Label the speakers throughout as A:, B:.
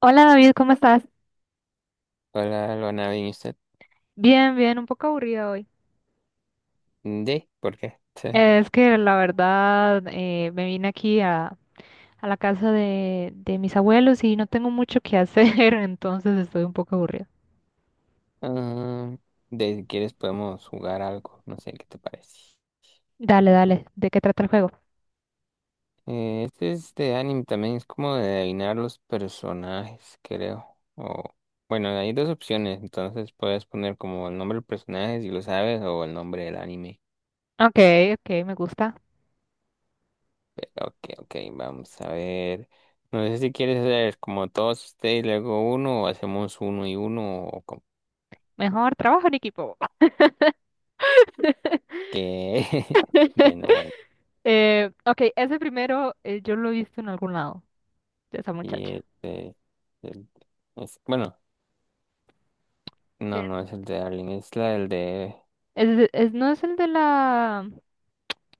A: Hola David, ¿cómo estás?
B: Hola, Luana, ¿bien usted?
A: Bien, bien, un poco aburrida hoy.
B: ¿De? ¿Por qué? Sí.
A: Es que la verdad me vine aquí a la casa de mis abuelos y no tengo mucho que hacer, entonces estoy un poco aburrida.
B: Ah, de si quieres podemos jugar algo, no sé qué te parece.
A: Dale, dale, ¿de qué trata el juego?
B: Este es de anime también, es como de adivinar los personajes, creo. O, bueno, hay dos opciones, entonces puedes poner como el nombre del personaje si lo sabes o el nombre del anime.
A: Ok, ok, me gusta.
B: Ok, ok, vamos a ver. No sé si quieres hacer como todos ustedes, luego uno, o hacemos uno y uno, o como
A: Mejor trabajo en equipo.
B: que... Bueno, bueno.
A: Ok, ese primero yo lo he visto en algún lado, de esa muchacha.
B: Y este, el- es, bueno,
A: Eh,
B: no, no es el de Darling, es la del de,
A: no es el de la...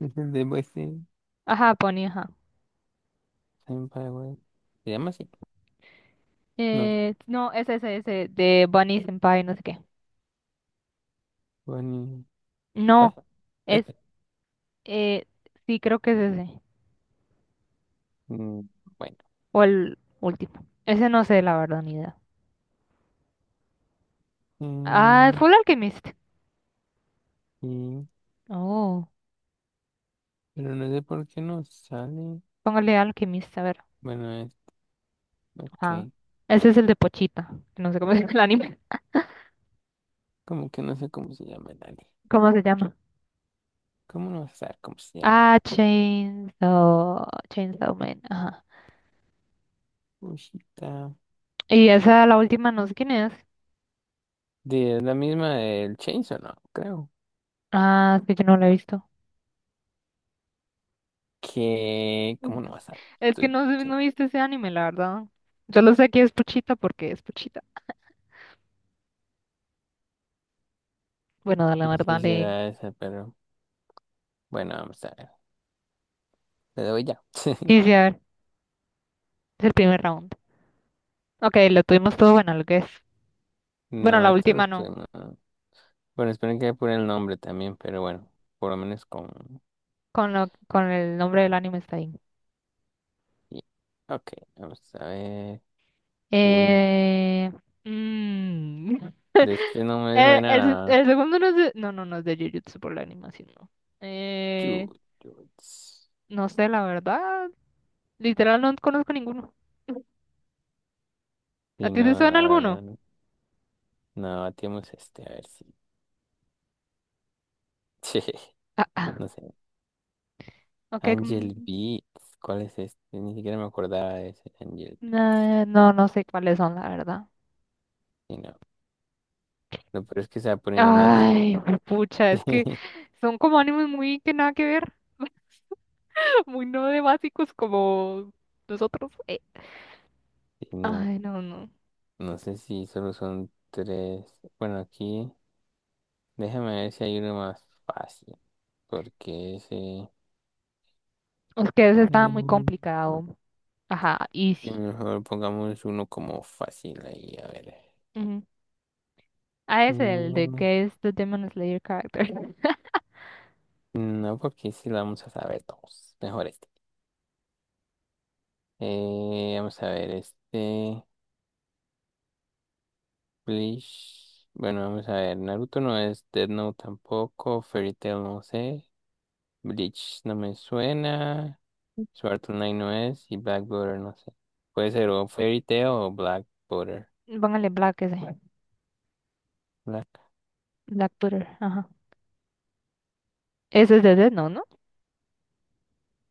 B: es el de
A: Ajá, Bonnie, ajá.
B: Senpai, güey. ¿Se llama así? No,
A: No, es ese, ese, de Bunny Senpai, no sé qué.
B: Bonnie,
A: No,
B: ¿cuál?
A: es,
B: Este,
A: eh, sí creo que es ese,
B: mm, bueno.
A: o el último. Ese no sé, la verdad, ni idea. Ah,
B: Mm,
A: fue el Alchemist.
B: y-
A: Oh,
B: pero no sé por qué no sale.
A: póngale Alchemist, a ver.
B: Bueno, es,
A: Ajá.
B: ok,
A: Ese es el de Pochita, que no sé cómo se llama el anime.
B: como que no sé cómo se llama el anime.
A: ¿Cómo se llama?
B: ¿Cómo no vas a saber cómo se llama el
A: Ah,
B: anime?
A: Chainsaw, Chainsaw Man, ajá.
B: Ushita.
A: Y esa, la última, no sé quién es.
B: De es la misma del Chainsaw, no, creo.
A: Ah, es que yo no la he visto.
B: Que, ¿cómo no vas a saber?
A: Es que
B: Estoy-
A: no, no he visto ese anime, la verdad. Yo lo sé que es Pochita porque es Pochita. Bueno, la
B: No sé
A: verdad,
B: si
A: le...
B: será esa, pero. Bueno, vamos a ver. Le doy ya.
A: Sí, sí, a ver. Es el primer round. Ok, lo tuvimos todo bueno, lo que es. Bueno,
B: No,
A: la
B: esto lo
A: última
B: estoy.
A: no.
B: No. Bueno, espero que apure el nombre también, pero bueno, por lo menos con.
A: Con, lo, con el nombre del anime está ahí.
B: y- Ok, vamos a ver. Uy, no.
A: Eh, mm,
B: De este no me suena
A: el
B: nada.
A: segundo no es de. No, no, no es de Jujutsu por la animación, no. Eh,
B: Yuts.
A: no sé, la verdad. Literal, no conozco ninguno. ¿A
B: Sí,
A: ti te
B: no,
A: suena
B: la verdad.
A: alguno?
B: No, no, bateamos este, a ver si.
A: Ah, ah.
B: No sé.
A: Ok,
B: Angel Beats. ¿Cuál es este? Ni siquiera me acordaba de ese Angel Beats.
A: no, no sé cuáles son, la verdad.
B: Sí, no. Lo peor es que se va poniendo más difícil.
A: Ay, pucha, es que son como animes muy que nada que ver. Muy no de básicos como nosotros.
B: Sí, no.
A: Ay, no, no.
B: No sé si solo son tres. Bueno, aquí déjame ver si hay uno más fácil. Porque ese...
A: Es que ese estaba muy
B: Mm,
A: complicado. Ajá, easy.
B: mejor pongamos uno como fácil ahí, a ver.
A: Ujú. Ah, ese, el de
B: Mm,
A: que es the Demon Slayer character.
B: no, porque si lo vamos a saber todos. Mejor este. Vamos a ver este... Bleach. Bueno, vamos a ver. Naruto no es, Death Note tampoco. Fairy Tail no sé. Bleach no me suena. Sword Knight no es y Black Border no sé. Puede ser o Fairy Tail o Black Border.
A: Póngale Black ese.
B: Black.
A: Black Twitter, ajá. Ese es de Death Note, ¿no?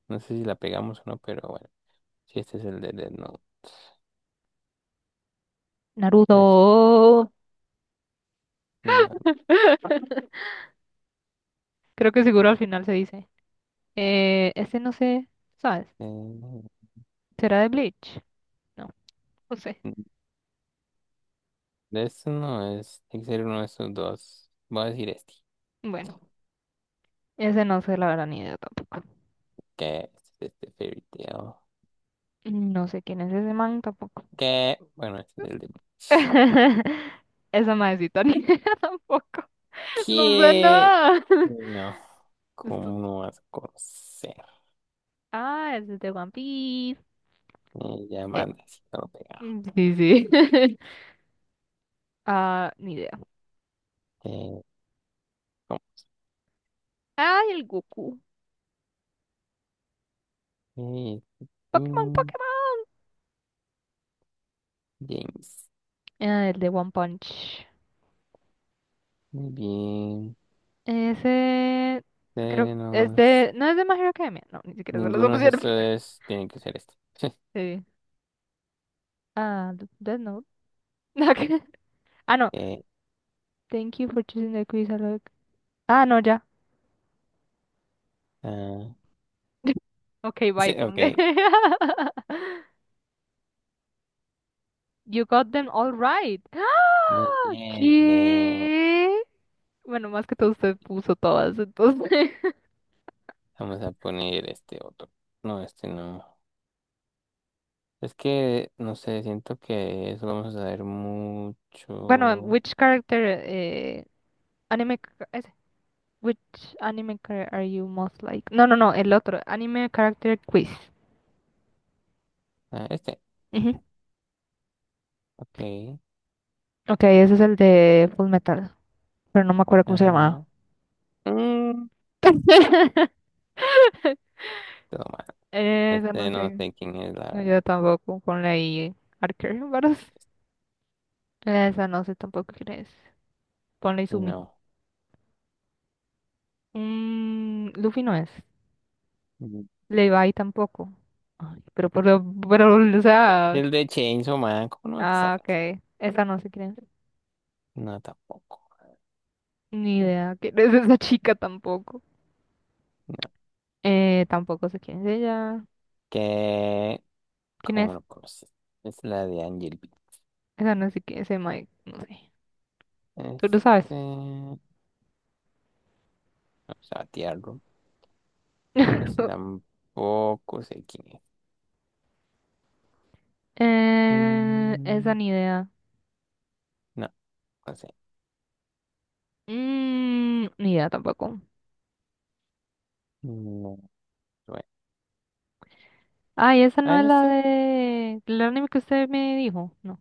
B: No sé si la pegamos o no, pero bueno. Si este es el de Death Note.
A: Naruto.
B: Es- no,
A: Creo que seguro al final se dice. Ese no sé, ¿sabes?
B: eh,
A: ¿Será de Bleach? No, no sé.
B: de esto no es. Tiene que ser uno de estos dos. Voy a decir este.
A: Bueno, ese no sé la verdad ni idea tampoco.
B: Que este es este Fairy Tail.
A: No sé quién es ese man tampoco.
B: Que bueno, este es el de.
A: Esa madrecita ni idea tampoco. No sé
B: ¿Qué?
A: nada.
B: Sí, no.
A: Esto-
B: ¿Cómo no vas a conocer?
A: ah, ese es de One Piece.
B: Ya
A: Eh,
B: manda si no lo pega.
A: sí, sí. Ah, ni idea.
B: Eh, ¿Cómo?
A: Ay, el Goku.
B: Eh,
A: Pokémon,
B: mm,
A: Pokémon.
B: James.
A: Ah, el de One Punch.
B: Muy bien.
A: Ese. Creo. Es
B: Tenemos...
A: de. No es de My Hero Academia. No, ni siquiera se las
B: Ninguno de
A: opciones.
B: estos tiene que ser este.
A: Sí. Ah, Death Note. Nada. Ah, no.
B: Eh,
A: Thank you for choosing the quiz. Ah, no, ya.
B: ah,
A: Ok, bye,
B: sí, ok,
A: ponle. You got them all right.
B: muy
A: ¡Ah!
B: bien.
A: ¿Qué? Bueno, más que todo
B: Y
A: usted puso todas, entonces.
B: vamos a poner este otro. No, este no. Es que, no sé, siento que eso vamos a ver
A: Bueno,
B: mucho.
A: which character ese, which anime character are you most like? No, no, no, el otro, anime character quiz.
B: Ah, este,
A: Ujú.
B: ok.
A: Ok, ese es el de Full Metal, pero no me acuerdo cómo se llamaba.
B: Ajá. Mm, todo mal.
A: Esa
B: Este
A: no
B: no
A: sé.
B: sé quién es, la
A: No, yo
B: verdad.
A: tampoco. Ponle ahí Archer Baros. Esa no sé tampoco quién es. Ponle
B: Y
A: Izumi.
B: no.
A: Mm, Luffy no es.
B: Mm.
A: Levi tampoco. Ay, pero, o
B: Es
A: sea.
B: el de Chainsaw Man, ¿cómo no vas a
A: Ah,
B: saber?
A: ok. Esa no sé quién es.
B: No, tampoco.
A: Ni idea quién es esa chica tampoco.
B: No.
A: Tampoco sé quién es ella.
B: ¿Qué?
A: ¿Quién
B: ¿Cómo
A: es?
B: lo conoces? Es la de Angel Beats.
A: Esa no sé quién es. Ese Mike, no sé. Tú lo
B: Este,
A: sabes.
B: vamos a batearlo. Ese tampoco sé quién es.
A: Esa
B: Mm,
A: ni idea.
B: no, no sé.
A: Mm, ni idea tampoco.
B: No, bueno.
A: Ay, esa
B: Ah,
A: no es la
B: esa
A: de. El anime que usted me dijo. No.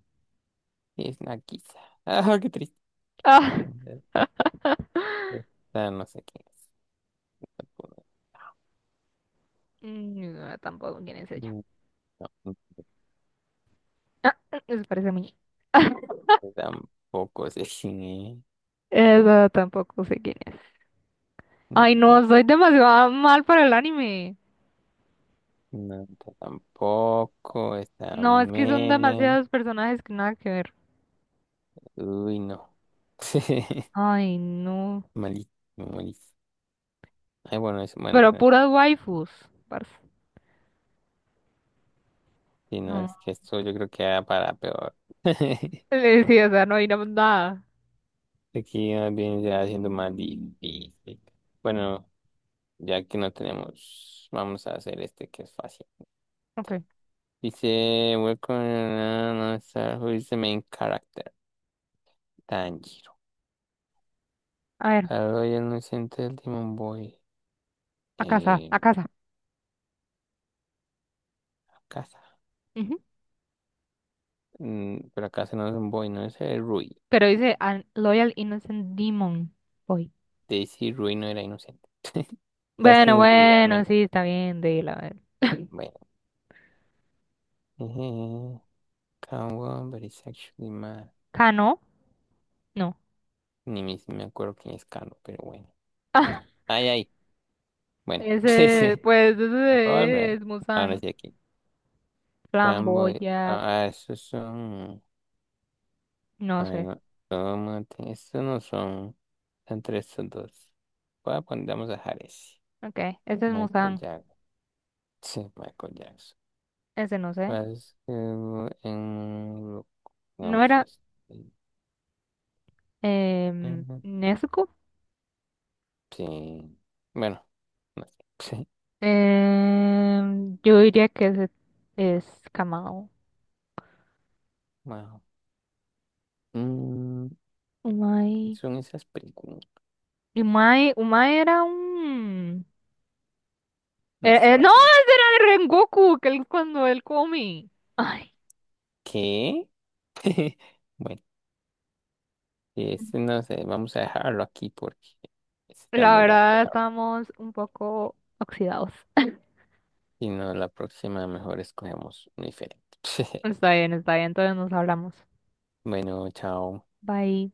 B: es Nakisa. Ah, qué triste.
A: Ah,
B: Esta no sé quién es. Tampoco.
A: mm, ni idea tampoco quién es ella.
B: Mm, no,
A: Ah, eso parece a mí.
B: esta tampoco sé quién es.
A: Esa tampoco sé quién es.
B: No,
A: Ay,
B: no,
A: no, soy demasiado mal para el anime.
B: no, esta tampoco. Esta
A: No, es que son
B: men.
A: demasiados personajes que nada que ver.
B: Uy, no.
A: Ay, no.
B: Malísimo, malísimo. Ay, bueno, es, bueno,
A: Pero puras waifus, parce.
B: si no
A: No.
B: es que esto yo creo que va para peor.
A: Sí, o sea, no hay nada.
B: Aquí más bien ya haciendo más difícil. Bueno, ya que no tenemos, vamos a hacer este que es fácil.
A: Ok.
B: Dice, welcome to star who is the main character? Tanjiro.
A: A ver,
B: Hello, you're an innocent demon boy.
A: a casa, a
B: Eh,
A: casa.
B: casa.
A: Ujú.
B: Mm, pero casa no es un boy, no es el Rui.
A: Pero dice "An Loyal Innocent Demon Boy".
B: Daisy Rui no era inocente. ¿Sabes
A: Bueno,
B: quién es Rui, al
A: bueno, sí, está bien, de a ver.
B: bueno. Kawan, but it's actually mad.
A: ¿Kano? No.
B: Ni me acuerdo quién es Carlos, pero bueno. Ay, ay. Bueno,
A: Ese,
B: ese.
A: pues,
B: La puedo volver.
A: ese es
B: Ahora
A: Musan,
B: sí aquí. Fanboy.
A: Flamboya,
B: Ah, ah, esos son.
A: no
B: Ay,
A: sé.
B: no. Tómate. Estos no son. Son tres, son dos. Voy a poner, vamos a dejar ese.
A: Ok, ese es
B: Michael
A: Musan,
B: Jackson. Sí, Michael Jackson.
A: ese no sé.
B: Basketball en.
A: No
B: Vamos a
A: era
B: este.
A: eh,
B: Ujú.
A: Nezuko.
B: Sí. Bueno, no sé. Sí.
A: Em, yo diría que ese es Kamado.
B: Wow. Mm,
A: Umai.
B: son esas películas.
A: Umai era un...
B: No se va
A: no,
B: tiempo.
A: ese era de Rengoku, que él cuando él come. Ay,
B: ¿Qué? Bueno, este no sé, vamos a dejarlo aquí porque está
A: la
B: muy largo,
A: verdad
B: la verdad.
A: estamos un poco oxidados.
B: Si no, la próxima mejor escogemos un diferente.
A: Está bien, entonces nos hablamos.
B: Bueno, chao.
A: Bye.